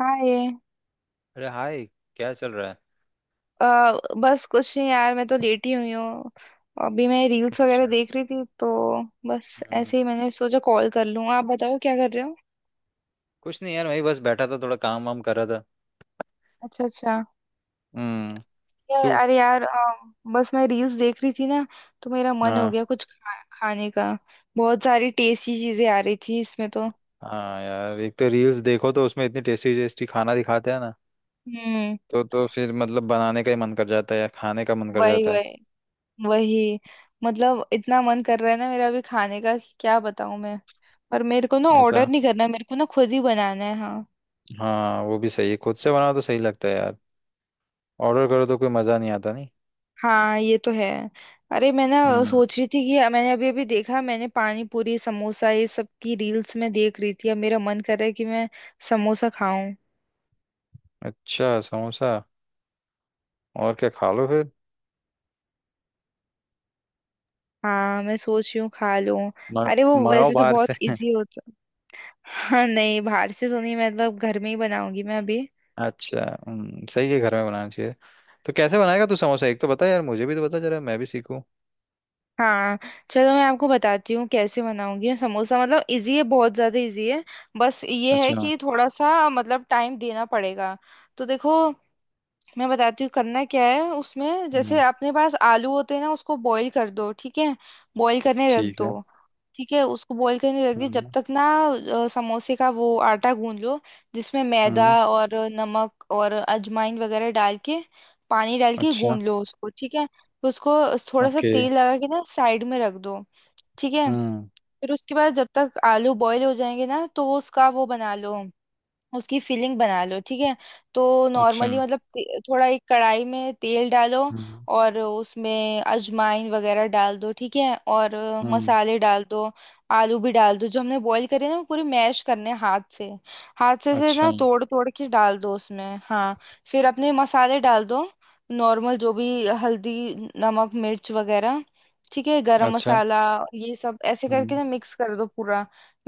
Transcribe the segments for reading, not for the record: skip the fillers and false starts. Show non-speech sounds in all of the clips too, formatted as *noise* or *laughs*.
हाँ ये अरे हाय। क्या चल रहा है? अ, बस कुछ नहीं यार, मैं तो लेटी हुई हूँ। अभी मैं रील्स वगैरह अच्छा। देख रही थी तो बस हम्म, ऐसे ही मैंने सोचा कॉल कर लूँ। आप बताओ क्या कर रहे हो? कुछ नहीं यार, वही बस बैठा था, थोड़ा काम वाम कर रहा था। अच्छा अच्छा। हम्म। यार तू? अरे यार, बस मैं रील्स देख रही थी ना, तो मेरा मन हो हाँ। गया कुछ खाने का। बहुत सारी टेस्टी चीजें आ रही थी इसमें तो। हाँ यार, एक तो रील्स देखो तो उसमें इतनी टेस्टी टेस्टी खाना दिखाते हैं ना। हम्म। तो फिर मतलब बनाने का ही मन कर जाता है या खाने का मन कर वही जाता है। वही वही। मतलब इतना मन कर रहा है ना मेरा अभी खाने का कि क्या बताऊँ मैं। पर मेरे को ना ऑर्डर ऐसा। नहीं करना, मेरे को ना खुद ही बनाना है। हाँ। हाँ वो भी सही है, खुद से बनाओ तो सही लगता है यार। ऑर्डर करो तो कोई मजा नहीं आता, नहीं। हाँ ये तो है। अरे मैं ना हम्म। सोच रही थी कि मैंने अभी अभी देखा, मैंने पानी पूरी समोसा ये सब की रील्स में देख रही थी। अब मेरा मन कर रहा है कि मैं समोसा खाऊं। अच्छा समोसा। और क्या खा लो फिर? हाँ मैं सोच रही हूँ खा लूं। म- अरे वो मंगाओ वैसे तो बाहर बहुत से। इजी होता। हाँ नहीं बाहर से तो नहीं, मतलब घर में ही बनाऊंगी मैं अभी। अच्छा। सही है, घर में बनाना चाहिए। तो कैसे बनाएगा तू समोसा, एक तो बता यार, मुझे भी तो बता जरा, मैं भी सीखूं। हाँ चलो मैं आपको बताती हूँ कैसे बनाऊंगी मैं समोसा। मतलब इजी है, बहुत ज्यादा इजी है। बस ये है अच्छा। कि थोड़ा सा मतलब टाइम देना पड़ेगा। तो देखो, मैं बताती हूँ करना क्या है उसमें। जैसे हम्म, अपने पास आलू होते हैं ना, उसको बॉईल कर दो, ठीक है। बॉईल करने रख ठीक है। दो। ठीक है, उसको बॉईल करने रख दिया। जब हम्म। तक ना समोसे का वो आटा गूंद लो, जिसमें मैदा हम्म, और नमक और अजवाइन वगैरह डाल के, पानी डाल के अच्छा। गूंद लो उसको। ठीक है, फिर उसको थोड़ा सा ओके। तेल लगा के ना साइड में रख दो। ठीक है। हम्म। फिर उसके बाद जब तक आलू बॉईल हो जाएंगे ना, तो वो उसका वो बना लो, उसकी फिलिंग बना लो। ठीक है, तो अच्छा। नॉर्मली मतलब थोड़ा एक कढ़ाई में तेल डालो हम्म। और उसमें अजवाइन वगैरह डाल दो। ठीक है, और हम्म, मसाले डाल दो, आलू भी डाल दो। जो हमने बॉईल करे ना, वो पूरी मैश करने हैं हाथ से। हाथ से अच्छा ना तोड़ तोड़ के डाल दो उसमें। हाँ, फिर अपने मसाले डाल दो। नॉर्मल जो भी, हल्दी, नमक, मिर्च वगैरह, ठीक है, गरम अच्छा। मसाला। ये सब ऐसे करके हम्म। ना मिक्स कर दो पूरा।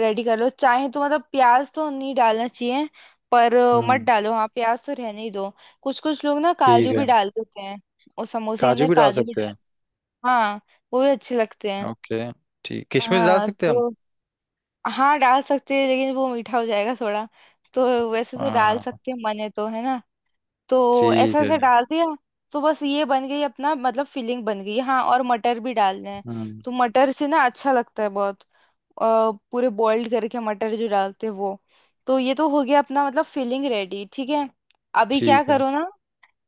रेडी कर लो। चाहे तो मतलब प्याज तो नहीं डालना चाहिए। पर मत हम्म, डालो, हाँ प्याज तो रहने ही दो। कुछ कुछ लोग ना ठीक काजू भी है। डाल देते हैं, और समोसे के काजू अंदर भी डाल काजू भी सकते डाल। हैं। हाँ वो भी अच्छे लगते हैं। ओके। ठीक, किशमिश डाल हाँ सकते हैं हम? तो हाँ डाल सकते हैं, लेकिन वो मीठा हो जाएगा थोड़ा। तो वैसे तो डाल हाँ। सकते हैं, मन है तो है ना। तो ऐसा ठीक है। ऐसे डाल दिया। तो बस ये बन गई अपना मतलब फिलिंग बन गई। हाँ, और मटर भी डालने हैं। हम्म। तो मटर से ना अच्छा लगता है बहुत। पूरे बॉइल्ड करके मटर जो डालते हैं, वो। तो ये तो हो गया अपना मतलब फिलिंग रेडी। ठीक है। अभी क्या ठीक है। करो ना,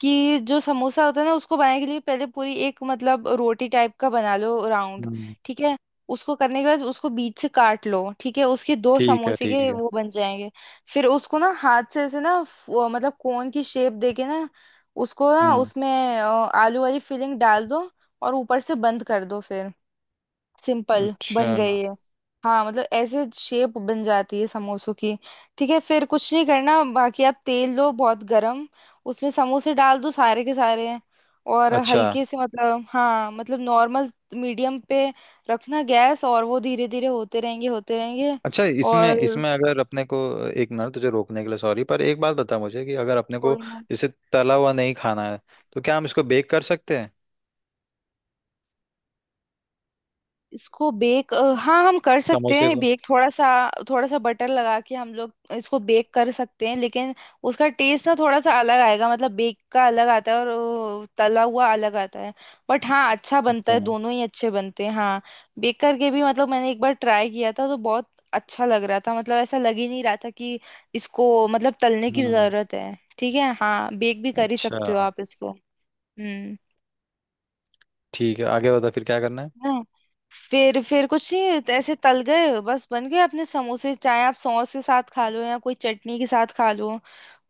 कि जो समोसा होता है ना उसको बनाने के लिए पहले पूरी एक मतलब रोटी टाइप का बना लो राउंड। हम्म। ठीक है, उसको करने के बाद उसको बीच से काट लो। ठीक है, उसके दो ठीक है। समोसे ठीक के है। वो बन जाएंगे। फिर उसको ना हाथ से ऐसे ना, वो मतलब कोन की शेप देके ना, उसको ना हम्म। उसमें अ, आलू वाली फिलिंग डाल दो, और ऊपर से बंद कर दो। फिर सिंपल अच्छा। बन गई है। हाँ मतलब ऐसे शेप बन जाती है समोसों की। ठीक है, फिर कुछ नहीं करना बाकी। आप तेल लो बहुत गरम, उसमें समोसे डाल दो सारे के सारे और अच्छा। हल्के से, मतलब हाँ मतलब नॉर्मल मीडियम पे रखना गैस। और वो धीरे धीरे होते रहेंगे, होते रहेंगे। अच्छा, इसमें और इसमें अगर अपने को, एक मिनट तुझे रोकने के लिए सॉरी, पर एक बात बता मुझे कि अगर अपने को कोई इसे तला हुआ नहीं खाना है तो क्या हम इसको बेक कर सकते हैं? इसको बेक, हाँ हम कर सकते समोसे हैं को। बेक। थोड़ा सा, थोड़ा सा बटर लगा के हम लोग इसको बेक कर सकते हैं, लेकिन उसका टेस्ट ना थोड़ा सा अलग आएगा। मतलब बेक का अलग आता है और तला हुआ अलग आता है। बट हाँ अच्छा बनता अच्छा। है, दोनों ही अच्छे बनते हैं। हाँ बेक करके भी, मतलब मैंने एक बार ट्राई किया था तो बहुत अच्छा लग रहा था, मतलब ऐसा लग ही नहीं रहा था कि इसको मतलब तलने की हम्म। जरूरत है। ठीक है, हाँ बेक भी कर ही सकते हो अच्छा। आप इसको। हम्म। ठीक है, आगे बता फिर क्या करना है। हैं। फिर कुछ नहीं, ऐसे तल गए बस बन गए अपने समोसे। चाहे आप सॉस के साथ खा लो, या कोई चटनी के साथ खा लो,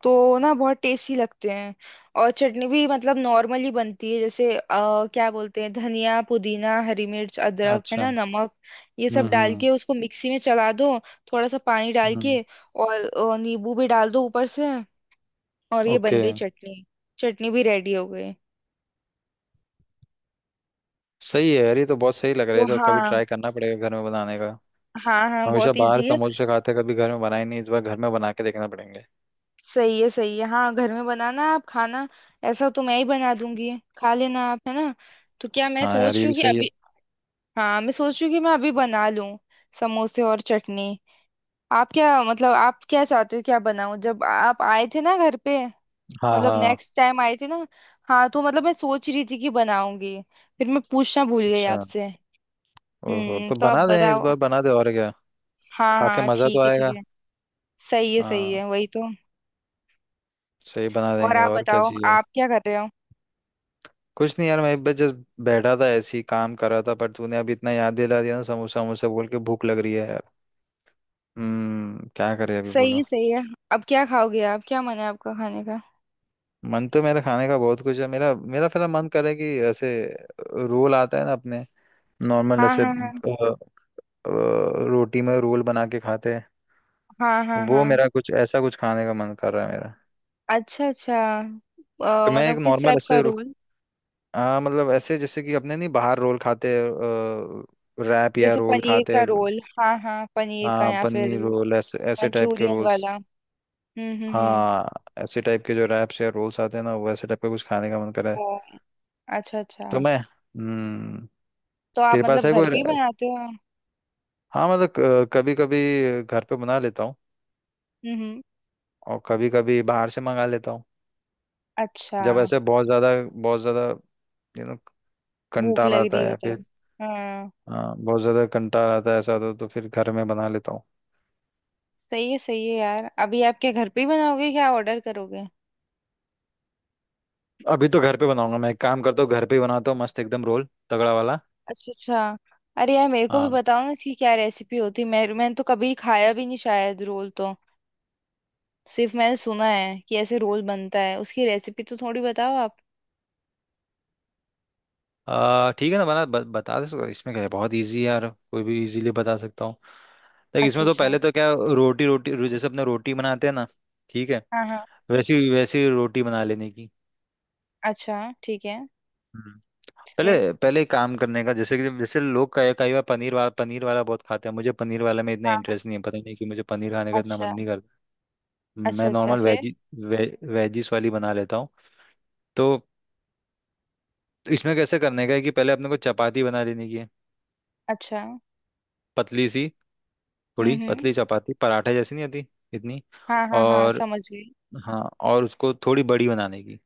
तो ना बहुत टेस्टी लगते हैं। और चटनी भी मतलब नॉर्मली बनती है, जैसे क्या बोलते हैं, धनिया, पुदीना, हरी मिर्च, अदरक है अच्छा। ना, नमक। ये हम्म। सब डाल हम्म। के उसको मिक्सी में चला दो, थोड़ा सा पानी डाल हम्म के, और नींबू भी डाल दो ऊपर से। और ये बन ओके। गई चटनी। चटनी भी रेडी हो गई। सही है यार, ये तो बहुत सही लग रहा है, तो ये तो कभी हाँ, ट्राई करना पड़ेगा घर में बनाने का। हाँ हाँ हमेशा बहुत बाहर इजी है। समोसे खाते, कभी घर में बनाए नहीं, इस बार घर में बना के देखना पड़ेंगे। सही है, सही है। हाँ घर में बनाना, आप खाना। ऐसा तो मैं ही बना दूंगी, खा लेना आप है ना। तो क्या, मैं हाँ यार, सोच ये रही भी हूँ कि सही है। अभी, हाँ मैं सोच रही हूँ कि मैं अभी बना लूँ समोसे और चटनी। आप क्या, मतलब आप क्या चाहते हो, क्या बनाऊँ? जब आप आए थे ना घर पे, हाँ मतलब हाँ। नेक्स्ट टाइम आए थे ना, हाँ तो मतलब मैं सोच रही थी कि बनाऊंगी, फिर मैं पूछना भूल गई अच्छा। आपसे। ओहो, हम्म, तो तो आप बना दें इस बताओ। बार, बना दे, और क्या। हाँ खा के हाँ, मज़ा तो ठीक है आएगा। ठीक है। सही है, सही हाँ। है, वही तो। सही, बना और देंगे, आप और क्या बताओ, चाहिए। आप क्या कर रहे हो? कुछ नहीं यार, मैं बस जस्ट बैठा था ऐसे ही, काम कर रहा था, पर तूने अभी इतना याद दिला दिया ना समोसा वमोसा बोल के, भूख लग रही है यार। हम्म, क्या करें अभी बोलो। सही, सही है। अब क्या खाओगे, आप क्या मन है आपका खाने का? मन तो मेरा खाने का बहुत कुछ है, मेरा मेरा फिलहाल मन करे कि ऐसे रोल आता है ना अपने, नॉर्मल हाँ ऐसे, हाँ हाँ। अ, रोटी में रोल बना के खाते हैं हाँ हाँ वो, हाँ। मेरा कुछ ऐसा कुछ खाने का मन कर रहा है मेरा। अच्छा अच्छा, तो मैं एक मतलब किस नॉर्मल टाइप का ऐसे, रोल? हाँ मतलब ऐसे जैसे कि अपने नहीं, बाहर रोल खाते, रैप या जैसे रोल पनीर का खाते। रोल? हाँ हाँ, पनीर का हाँ, या फिर पनीर रोल, ऐसे ऐसे टाइप के मंचूरियन रोल्स। वाला। हम्म। हाँ, ऐसे टाइप के जो रैप्स या रोल्स आते हैं ना, वो ऐसे टाइप का कुछ खाने का मन कर रहा है। ओ, अच्छा अच्छा। तो मैं हम्म। तो तेरे आप पास मतलब है कोई घर पे ही बनाते हो? हाँ, मतलब कभी कभी घर पे बना लेता हूँ हम्म। और कभी कभी बाहर से मंगा लेता हूँ। अच्छा, जब ऐसे बहुत ज्यादा यू नो भूख कंटाल लग आता रही है हो या तब। फिर, हाँ। हाँ बहुत ज्यादा कंटाल आता है ऐसा तो फिर घर में बना लेता हूँ। सही है, सही है यार। अभी आप क्या घर पे ही बनाओगे, क्या ऑर्डर करोगे? अभी तो घर पे बनाऊंगा, मैं एक काम करता हूँ घर पे ही बनाता हूँ मस्त एकदम रोल, तगड़ा वाला। अच्छा अच्छा। अरे यार मेरे को भी हाँ। बताओ ना, इसकी क्या रेसिपी होती। मैं, मैंने तो कभी खाया भी नहीं शायद रोल तो। सिर्फ मैंने सुना है कि ऐसे रोल बनता है, उसकी रेसिपी तो थोड़ी बताओ आप। ठीक है ना, बना, बता दे सकते हो। इसमें क्या है, बहुत इजी है यार, कोई भी इजीली बता सकता हूँ। देख, अच्छा इसमें तो अच्छा। पहले तो क्या, रोटी रोटी रो- जैसे अपने रोटी बनाते हैं ना, ठीक है, हाँ हाँ। वैसी वैसी रोटी बना लेने की। अच्छा ठीक है हम्म। पहले फिर। पहले एक काम करने का, जैसे कि जैसे लोग कई कई बार पनीर वाला बहुत खाते हैं, मुझे पनीर वाला में इतना हाँ हाँ, इंटरेस्ट नहीं है, पता नहीं कि मुझे पनीर खाने का इतना मन अच्छा नहीं करता। अच्छा मैं अच्छा नॉर्मल फिर। वेजी, वेजिस वाली बना लेता हूँ। तो इसमें कैसे करने का है कि पहले अपने को चपाती बना लेनी की है, अच्छा। पतली सी, थोड़ी हम्म। पतली चपाती, पराठे जैसी नहीं आती इतनी। हाँ हाँ हाँ, और, समझ गई। हाँ, और उसको थोड़ी बड़ी बनाने की।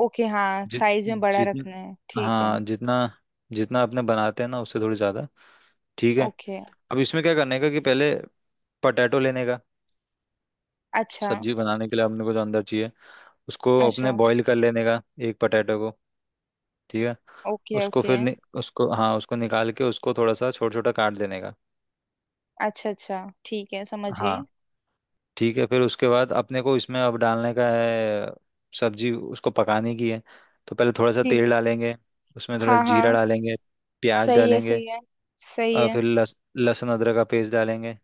ओके, हाँ जि, साइज में बड़ा रखना है, जितना, ठीक है। हाँ जितना, जितना अपने बनाते हैं ना उससे थोड़ी ज्यादा। ठीक है। ओके। अब इसमें क्या करने का कि पहले पटैटो लेने का, अच्छा सब्जी बनाने के लिए अपने को जो अंदर चाहिए उसको अपने अच्छा। बॉईल कर लेने का, एक पटैटो को। ठीक है। ओके उसको ओके। फिर नि, उसको हाँ उसको निकाल के उसको थोड़ा सा छोटा छोटा काट देने का। अच्छा अच्छा, ठीक है, समझ गई। हाँ। ठीक है, फिर उसके बाद अपने को इसमें अब डालने का है सब्जी, उसको पकाने की है। तो पहले थोड़ा सा ठीक तेल है। डालेंगे, उसमें थोड़ा हाँ हाँ। जीरा डालेंगे, प्याज सही है, डालेंगे, सही है, सही और है। फिर लहसुन अदरक का पेस्ट डालेंगे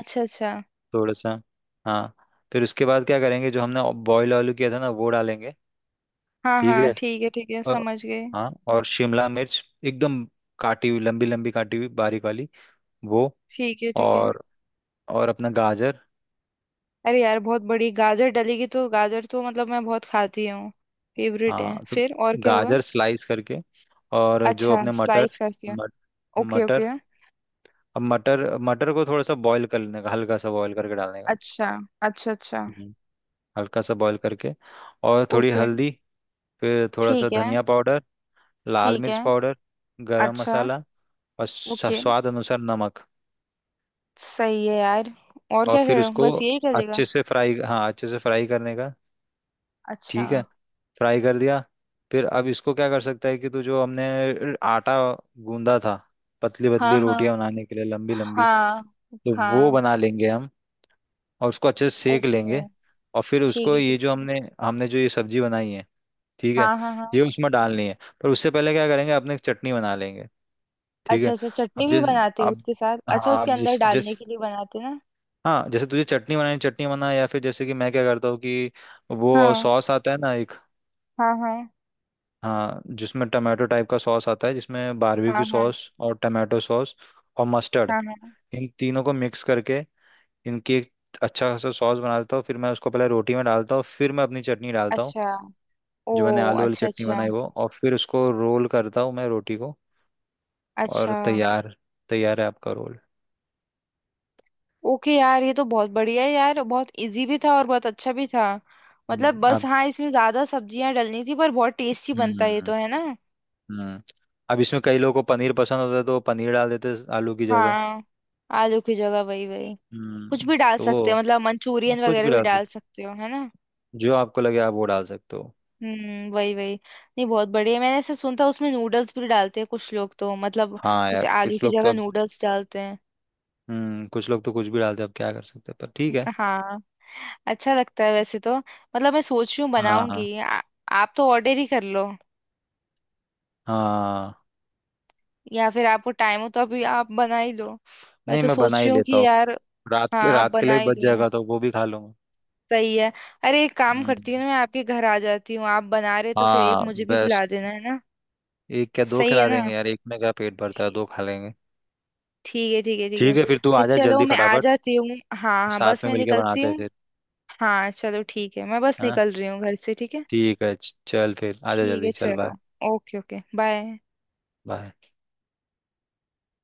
अच्छा अच्छा। थोड़ा सा। हाँ। फिर उसके बाद क्या करेंगे, जो हमने बॉयल आलू किया था ना वो डालेंगे। हाँ ठीक हाँ, है। ठीक है ठीक है, और, समझ गए। हाँ, और शिमला मिर्च एकदम, काटी हुई, लंबी लंबी काटी हुई बारीक वाली वो। ठीक है, ठीक है। और और अपना गाजर। अरे यार बहुत बड़ी गाजर डलेगी तो। गाजर तो मतलब मैं बहुत खाती हूँ, फेवरेट है। हाँ तो फिर और क्या होगा? गाजर स्लाइस करके, और जो अच्छा, अपने मटर, स्लाइस करके। मट, ओके ओके। मटर, अब मटर मटर को थोड़ा सा बॉईल कर लेने का, हल्का सा बॉईल करके डालने का। अच्छा अच्छा अच्छा। हम्म। हल्का सा बॉईल करके, और थोड़ी ओके, हल्दी, फिर थोड़ा सा ठीक है धनिया पाउडर, लाल ठीक मिर्च है। पाउडर, गरम अच्छा। मसाला, और ओके। स्वाद अनुसार नमक। सही है यार। और और क्या कह फिर रहे हो, उसको बस यही चलेगा? अच्छे से फ्राई, हाँ अच्छे से फ्राई करने का। अच्छा। ठीक है। फ्राई कर दिया। फिर अब इसको क्या कर सकता है कि तू, जो हमने आटा गूंदा था, पतली हाँ पतली हाँ रोटियां बनाने के लिए लंबी लंबी, हाँ तो वो हाँ। बना लेंगे हम, और उसको अच्छे से सेक ओके, लेंगे। और फिर ठीक उसको है ये ठीक जो है। हमने हमने जो ये सब्जी बनाई है, ठीक है, हाँ हाँ हाँ। ये उसमें डालनी है। पर उससे पहले क्या करेंगे, अपने एक चटनी बना लेंगे, ठीक अच्छा है। अच्छा, अब चटनी भी जिस बनाते हो अब, उसके साथ? अच्छा, हाँ, उसके अब अंदर जिस जिस डालने के लिए बनाते ना। हाँ, जैसे तुझे चटनी बनानी, चटनी बना, या फिर जैसे कि मैं क्या करता हूँ कि वो हाँ। सॉस आता है ना, हाँ हाँ। हाँ जिसमें टमाटो टाइप का सॉस आता है, जिसमें हाँ बारबेक्यू हाँ सॉस और टमाटो सॉस और मस्टर्ड, हाँ हाँ। इन तीनों को मिक्स करके इनकी एक अच्छा खासा सॉस बना देता हूँ। फिर मैं उसको पहले रोटी में डालता हूँ, फिर मैं अपनी चटनी डालता हूँ, अच्छा। ओ, जो मैंने आलू वाली अच्छा चटनी अच्छा। बनाई वो, और फिर उसको रोल करता हूँ मैं रोटी को, और अच्छा। तैयार, तैयार है आपका रोल। ओके यार, ये तो बहुत बढ़िया है यार, बहुत इजी भी था और बहुत अच्छा भी था। मतलब हम्म, बस अब हाँ, इसमें ज्यादा सब्जियां डलनी थी, पर बहुत टेस्टी बनता हम्म है, ये तो है ना। हम्म अब इसमें कई लोगों को पनीर पसंद होता है तो वो पनीर डाल देते हैं आलू की जगह। हाँ, आलू की जगह, वही वही। कुछ भी डाल तो सकते वो हो, मतलब आप मंचूरियन कुछ भी वगैरह भी डाल डाल सकते, सकते हो, है ना। जो आपको लगे आप वो डाल सकते हो। हम्म, वही वही। नहीं बहुत बढ़िया, मैंने ऐसे सुनता उसमें नूडल्स भी डालते हैं कुछ लोग, तो मतलब हाँ यार जैसे आलू कुछ की लोग तो, जगह अब नूडल्स डालते हैं। कुछ लोग तो कुछ भी डालते हैं, अब क्या कर सकते हैं, पर ठीक है। *laughs* हाँ, अच्छा लगता है वैसे तो। मतलब मैं सोच रही हूँ हाँ बनाऊंगी। आप तो ऑर्डर ही कर लो, हाँ। या फिर आपको टाइम हो तो अभी आप बना ही लो। मैं नहीं, तो मैं बना सोच ही रही हूँ लेता कि हूँ, यार, रात हाँ के आप रात के बना लिए भी ही बच लो। जाएगा तो वो भी खा लूंगा। सही है। अरे एक काम हम्म। करती हूँ ना, मैं आपके घर आ जाती हूँ। आप बना रहे हो तो फिर एक हाँ, मुझे भी खिला बेस्ट। देना है ना। एक क्या, दो सही है खिला ना। देंगे यार, एक में क्या पेट भरता है, दो खा लेंगे। ठीक है ठीक है ठीक है। ठीक है, फिर तू फिर आ जा चलो जल्दी मैं आ फटाफट, जाती हूँ। हाँ हाँ, साथ बस में मैं मिलके निकलती बनाते हैं हूँ। फिर, हाँ चलो ठीक है, मैं बस है ना। निकल रही हूँ घर से, ठीक है। ठीक है, चल, फिर आ जा ठीक है जल्दी, चल बाय। चलो। Okay okay, bye. बाय।